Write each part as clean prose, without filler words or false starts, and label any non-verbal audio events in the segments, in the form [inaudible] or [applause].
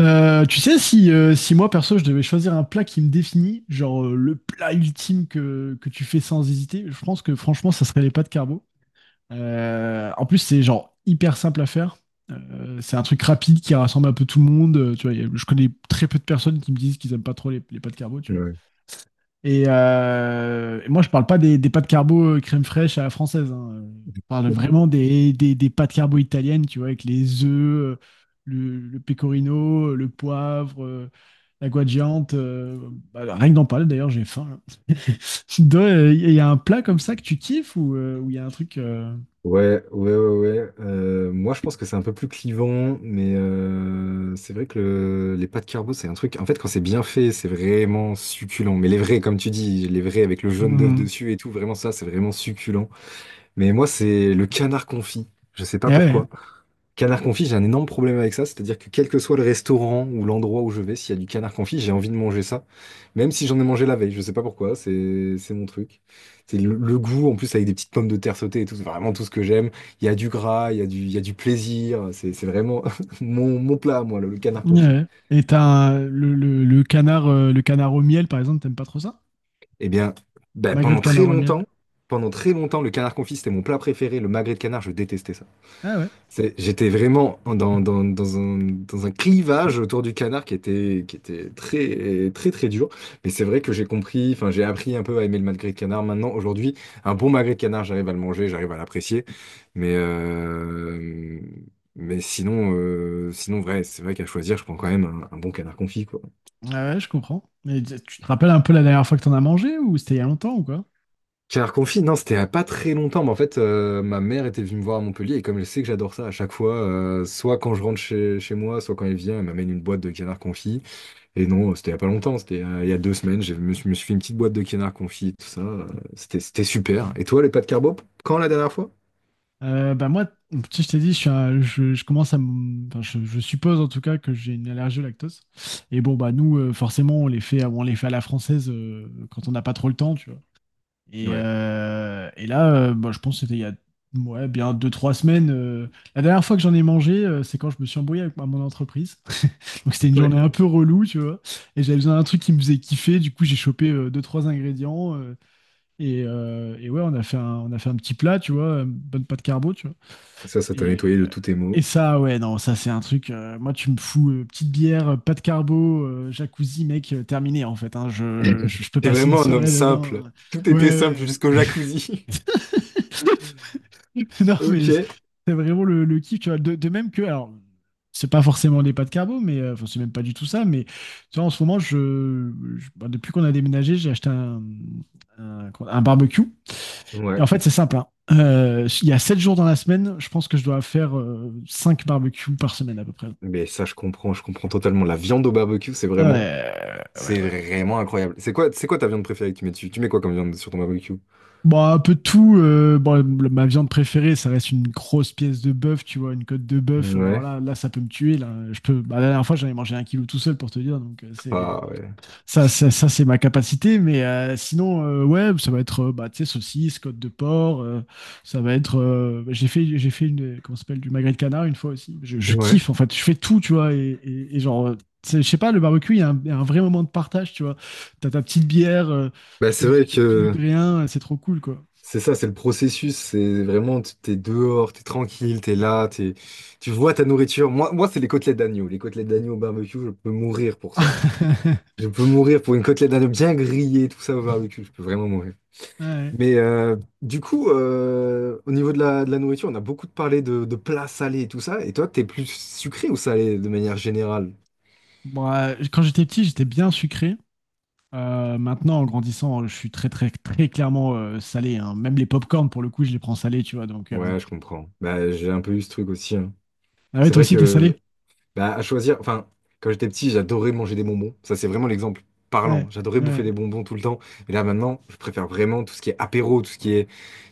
Tu sais, si, si moi perso je devais choisir un plat qui me définit, genre le plat ultime que tu fais sans hésiter, je pense que franchement ça serait les pâtes carbo. En plus c'est genre hyper simple à faire. C'est un truc rapide qui rassemble un peu tout le monde. Je connais très peu de personnes qui me disent qu'ils aiment pas trop les pâtes carbo, Ouais, et, moi, je parle pas des pâtes carbo crème fraîche à la française, hein. Je parle vraiment des pâtes carbo italiennes, tu vois, avec les œufs, le pecorino, le poivre, la guanciale. Bah, rien que d'en parler, d'ailleurs, j'ai faim. Là. [laughs] Il y a un plat comme ça que tu kiffes ou il y a un truc? ouais. Moi, je pense que c'est un peu plus clivant, mais c'est vrai que les pâtes carbo, c'est un truc. En fait, quand c'est bien fait, c'est vraiment succulent. Mais les vrais, comme tu dis, les vrais avec le jaune d'œuf Hmm, dessus et tout, vraiment ça, c'est vraiment succulent. Mais moi, c'est le canard confit. Je sais pas ouais, pourquoi. Canard confit, j'ai un énorme problème avec ça, c'est-à-dire que quel que soit le restaurant ou l'endroit où je vais, s'il y a du canard confit, j'ai envie de manger ça, même si j'en ai mangé la veille, je sais pas pourquoi, c'est mon truc. C'est le goût, en plus avec des petites pommes de terre sautées et tout, c'est vraiment tout ce que j'aime. Il y a du gras, il y a du plaisir, c'est vraiment [laughs] mon plat, à moi, le canard ouais, confit. ouais. Et le, le canard, le canard au miel, par exemple, t'aimes pas trop ça? Eh bien, ben, Magret de canard au miel. Pendant très longtemps, le canard confit, c'était mon plat préféré, le magret de canard, je détestais ça. Ah ouais. J'étais vraiment dans un clivage autour du canard qui était très, très, très dur. Mais c'est vrai que j'ai compris, enfin, j'ai appris un peu à aimer le magret de canard. Maintenant, aujourd'hui, un bon magret de canard, j'arrive à le manger, j'arrive à l'apprécier. Mais, euh, mais sinon, sinon, vrai, c'est vrai qu'à choisir, je prends quand même un bon canard confit, quoi. Ah ouais, je comprends. Mais tu te rappelles un peu la dernière fois que t'en as mangé ou c'était il y a longtemps ou quoi? Canard confit, non, c'était à pas très longtemps, mais en fait, ma mère était venue me voir à Montpellier, et comme elle sait que j'adore ça à chaque fois, soit quand je rentre chez moi, soit quand elle vient, elle m'amène une boîte de canard confit. Et non, c'était il y a pas longtemps, c'était il y a deux semaines, je me suis fait une petite boîte de canard confit, tout ça. C'était, c'était super. Et toi, les pâtes carbo, quand la dernière fois? Bah moi, si je t'ai dit, je commence enfin, je suppose en tout cas que j'ai une allergie au lactose. Et bon bah nous, forcément, on les fait à la française quand on n'a pas trop le temps, tu vois. Et, Ouais, bah, je pense que c'était il y a ouais, bien deux trois semaines. La dernière fois que j'en ai mangé, c'est quand je me suis embrouillé avec mon entreprise. [laughs] Donc c'était une ouais. journée un peu relou, tu vois. Et j'avais besoin d'un truc qui me faisait kiffer. Du coup, j'ai chopé deux trois ingrédients. Et, et ouais, on a fait un petit plat, tu vois, une bonne pâte carbo, tu vois. Ça t'a Et, nettoyé de tous tes et maux. ça, ouais, non, ça c'est un truc. Moi, tu me fous petite bière, pâte carbo, jacuzzi, mec, terminé en fait, hein. je, je, [laughs] je peux T'es passer une vraiment un homme soirée dedans. simple. Tout était simple Ouais, jusqu'au ouais. jacuzzi. [laughs] [laughs] Non, mais Ok. c'est vraiment le kiff, tu vois. De même que, alors, c'est pas forcément des pâtes carbo, mais enfin, c'est même pas du tout ça. Mais tu vois, en ce moment, bah, depuis qu'on a déménagé, j'ai acheté un barbecue. Et Ouais. en fait, c'est sympa. Il y a 7 jours dans la semaine, je pense que je dois faire 5 barbecues par semaine à peu près. Mais ça, je comprends totalement. La viande au barbecue, c'est vraiment. Ouais, ouais, C'est ouais. vraiment incroyable. C'est quoi ta viande préférée que tu mets dessus? Tu mets quoi comme viande sur ton barbecue? Bon, un peu de tout. Bon, ma viande préférée, ça reste une grosse pièce de bœuf, tu vois, une côte de bœuf. Alors Ouais. Ça peut me tuer. Là, je peux. Bah, la dernière fois, j'en ai mangé un kilo tout seul pour te dire. Donc, c'est Ah ouais. ça, c'est ma capacité, mais sinon, ouais, ça va être, bah, tu sais, saucisse, côte de porc, ça va être, bah, j'ai fait une, comment ça s'appelle, du magret de canard une fois aussi. Je Ouais. kiffe, en fait, je fais tout, tu vois, et genre, tu sais, je sais pas, le barbecue, il y a un vrai moment de partage, tu vois. T'as ta petite bière, Bah tu peux c'est vrai discuter de tout et que de rien, c'est trop cool, quoi. c'est ça, c'est le processus. C'est vraiment, t'es dehors, t'es tranquille, t'es là, t'es, tu vois ta nourriture. Moi, moi c'est les côtelettes d'agneau. Les côtelettes d'agneau au barbecue, je peux mourir pour ça. Je [laughs] peux mourir pour une côtelette d'agneau bien grillée, tout ça au barbecue. Je peux vraiment mourir. Ouais. Mais du coup, au niveau de de la nourriture, on a beaucoup parlé de plats salés et tout ça. Et toi, t'es plus sucré ou salé de manière générale? Bon, quand j'étais petit, j'étais bien sucré. Maintenant, en grandissant, je suis très, très, très clairement salé, hein. Même les pop-corn, pour le coup, je les prends salés, tu vois. Donc, Ouais, je comprends. Bah, j'ai un peu eu ce truc aussi. Hein. Ah ouais, C'est toi vrai aussi, t'es salé? que, bah, à choisir, enfin, quand j'étais petit, j'adorais manger des bonbons. Ça, c'est vraiment l'exemple Ouais, parlant. J'adorais ouais. bouffer des bonbons tout le temps. Et là, maintenant, je préfère vraiment tout ce qui est apéro, tout ce qui est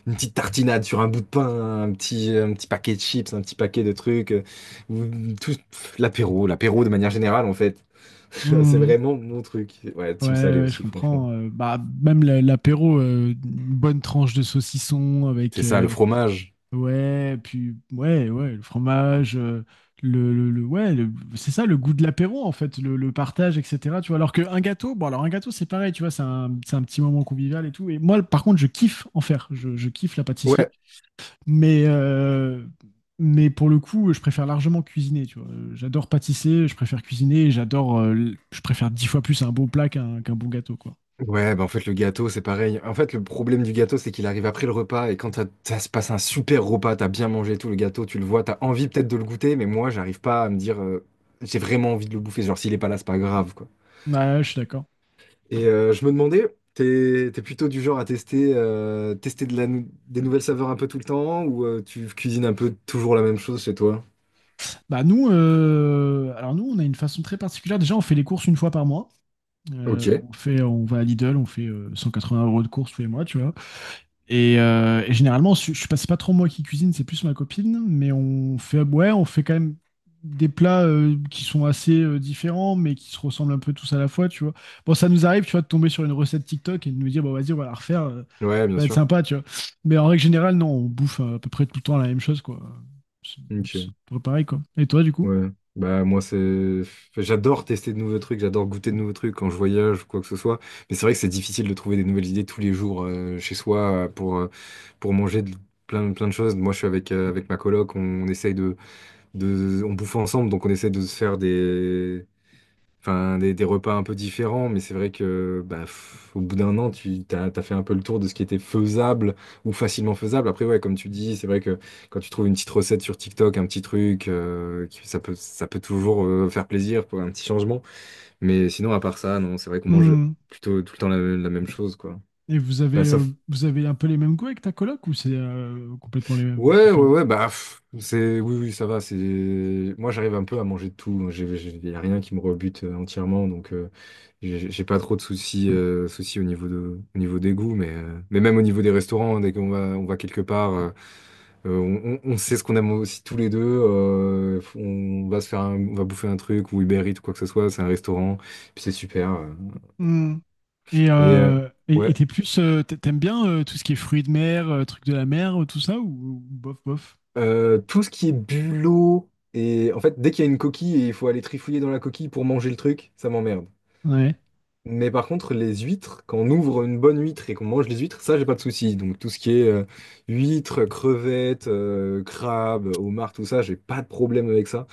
une petite tartinade sur un bout de pain, un petit paquet de chips, un petit paquet de trucs. Ou tout pff, l'apéro, l'apéro de manière générale, en fait. [laughs] C'est Mhm. vraiment mon truc. Ouais, Ouais, team salé ouais, je aussi, franchement. comprends. Bah, même l'apéro, une bonne tranche de saucisson C'est avec. ça, euh, le fromage. Ouais, puis, ouais, ouais, le fromage. Ouais, c'est ça, le goût de l'apéro, en fait, le partage, etc. Tu vois, alors qu'un gâteau, bon, alors un gâteau, c'est pareil, tu vois, c'est un petit moment convivial et tout. Et moi, par contre, je kiffe en faire. Je kiffe la pâtisserie. Ouais. Mais, mais pour le coup, je préfère largement cuisiner, tu vois. J'adore pâtisser, je préfère cuisiner, et j'adore, je préfère dix fois plus un bon plat qu'un bon gâteau, quoi. Ouais, bah en fait, le gâteau, c'est pareil. En fait, le problème du gâteau, c'est qu'il arrive après le repas. Et quand ça se passe un super repas, t'as bien mangé et tout, le gâteau, tu le vois, t'as envie peut-être de le goûter, mais moi, j'arrive pas à me dire, j'ai vraiment envie de le bouffer. Genre, s'il est pas là, c'est pas grave, quoi. Ouais, je suis d'accord. Et je me demandais, t'es plutôt du genre à tester, tester de la des nouvelles saveurs un peu tout le temps, ou tu cuisines un peu toujours la même chose chez toi? Bah nous, on a une façon très particulière. Déjà, on fait les courses une fois par mois. Ok. On va à Lidl, on fait 180 € de courses tous les mois, tu vois. Et, et généralement, je passe pas trop moi qui cuisine, c'est plus ma copine, mais on fait, ouais, on fait quand même des plats qui sont assez différents, mais qui se ressemblent un peu tous à la fois, tu vois. Bon, ça nous arrive, tu vois, de tomber sur une recette TikTok et de nous dire, bon, vas-y, on va la refaire, Ouais, bien ça va être sûr. sympa, tu vois. Mais en règle générale, non, on bouffe à peu près tout le temps la même chose, quoi. C'est c'est Ok. à peu près pareil, quoi. Et toi, du coup? Ouais, bah moi c'est, enfin, j'adore tester de nouveaux trucs, j'adore goûter de nouveaux trucs quand je voyage ou quoi que ce soit. Mais c'est vrai que c'est difficile de trouver des nouvelles idées tous les jours chez soi pour manger plein plein de choses. Moi je suis avec avec ma coloc, on essaye on bouffe ensemble, donc on essaye de se faire des Enfin, des repas un peu différents, mais c'est vrai que bah, au bout d'un an, t'as fait un peu le tour de ce qui était faisable ou facilement faisable. Après, ouais, comme tu dis, c'est vrai que quand tu trouves une petite recette sur TikTok, un petit truc, qui- ça peut toujours faire plaisir pour un petit changement. Mais sinon, à part ça, non, c'est vrai qu'on mange Hmm. plutôt tout le temps la même chose, quoi. Et Bah, sauf vous avez un peu les mêmes goûts avec ta coloc ou c'est complètement les mêmes, Ouais, ouais, différents? ouais, bah, pff, c'est, oui, oui, ça va, c'est, moi, j'arrive un peu à manger de tout, il y a rien qui me rebute entièrement, donc, j'ai pas trop de soucis, au niveau de, au niveau des goûts, mais même au niveau des restaurants, hein, dès qu'on va, on va quelque part, on, on sait ce qu'on aime aussi tous les deux, on va se faire on va bouffer un truc, ou Uber Eats, ou quoi que ce soit, c'est un restaurant, puis c'est super, Et et, euh, euh, et- et ouais. t'es plus, t'aimes bien tout ce qui est fruits de mer, trucs de la mer, tout ça, ou bof, bof? Tout ce qui est bulot, et en fait, dès qu'il y a une coquille et il faut aller trifouiller dans la coquille pour manger le truc, ça m'emmerde. Ouais, Mais par contre, les huîtres, quand on ouvre une bonne huître et qu'on mange les huîtres, ça, j'ai pas de souci. Donc, tout ce qui est huîtres, crevettes, crabes, homards, tout ça, j'ai pas de problème avec ça.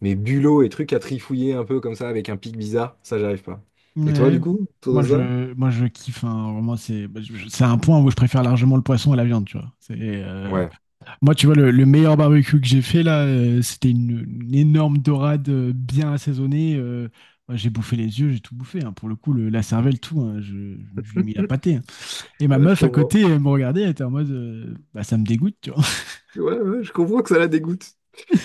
Mais bulot et trucs à trifouiller un peu comme ça avec un pic bizarre, ça, j'arrive pas. Et toi, ouais. du coup, autour de ça? Moi, je kiffe, hein. Vraiment, c'est, bah, c'est un point où je préfère largement le poisson à la viande, tu vois. Ouais. Moi, tu vois, le meilleur barbecue que j'ai fait là, c'était une énorme dorade bien assaisonnée. Moi, j'ai bouffé les yeux, j'ai tout bouffé, hein. Pour le coup, la cervelle, tout, hein. Je lui ai mis la [laughs] pâtée, hein. Et ma Ouais, je meuf à comprends. côté, elle me regardait, elle était en mode, bah, ça me dégoûte, tu vois. Ouais, ouais, je comprends que ça la dégoûte.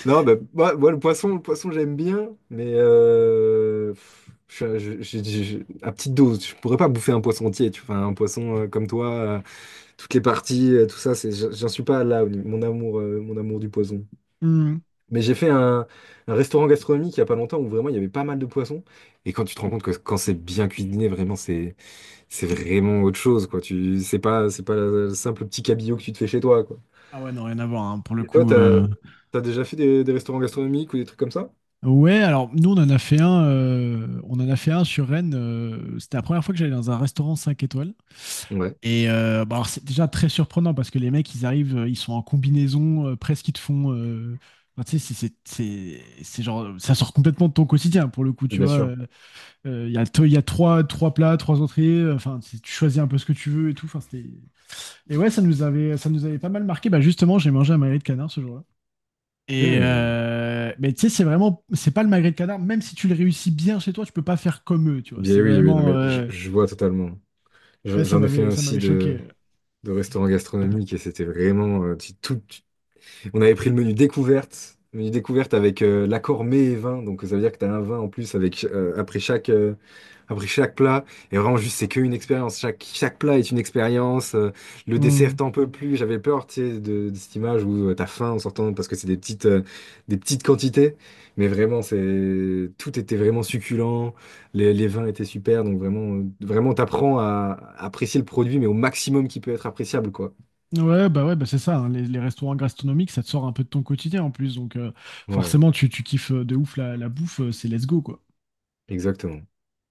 Non, bah, moi, moi, le poisson, j'aime bien, mais pff, je- à petite dose. Je pourrais pas bouffer un poisson entier, tu vois. Enfin, un poisson comme toi, toutes les parties, tout ça, c'est, j'en suis pas là, mon amour du poisson. [laughs] Mais j'ai fait un restaurant gastronomique il y a pas longtemps où vraiment il y avait pas mal de poissons. Et quand tu te rends compte que quand c'est bien cuisiné, vraiment, c'est vraiment autre chose, quoi. Tu, c'est pas le simple petit cabillaud que tu te fais chez toi, quoi. Ah ouais, non, rien à voir, hein, pour le Et toi, coup. t'as, t'as déjà fait des restaurants gastronomiques ou des trucs comme ça? Ouais, alors nous, on en a fait un, on en a fait un sur Rennes. C'était la première fois que j'allais dans un restaurant 5 étoiles. Ouais. Et bah, alors, c'est déjà très surprenant parce que les mecs, ils arrivent, ils sont en combinaison, presque ils te font. Enfin, tu sais, c'est genre. Ça sort complètement de ton quotidien, pour le coup, tu Bien vois. sûr. Il y a, il y a trois, trois plats, trois entrées. Enfin, tu choisis un peu ce que tu veux et tout. Enfin, c'était... Et ouais, ça nous avait pas mal marqué. Bah, justement, j'ai mangé un magret de canard ce jour-là. Et Hmm. euh, mais tu sais, c'est vraiment, c'est pas le magret de canard. Même si tu le réussis bien chez toi, tu peux pas faire comme eux, tu vois. Bien C'est oui, oui, non, vraiment, mais je vois totalement. ouais, J'en ai fait un ça m'avait aussi choqué. De restaurant gastronomique et c'était vraiment on avait pris le menu découverte avec l'accord mets et vin. Donc ça veut dire que tu as un vin en plus avec après chaque après chaque plat, et vraiment juste c'est qu'une expérience, chaque, chaque plat est une expérience, le Hmm. dessert t'en peux plus, j'avais peur tu sais, de cette image où t'as faim en sortant parce que c'est des petites quantités, mais vraiment c'est tout était vraiment succulent, les vins étaient super, donc vraiment, vraiment t'apprends à apprécier le produit mais au maximum qui peut être appréciable quoi. Ouais, bah c'est ça, hein. Les restaurants gastronomiques, ça te sort un peu de ton quotidien en plus, donc Ouais, forcément, tu kiffes de ouf la, la bouffe. C'est let's go, quoi. exactement.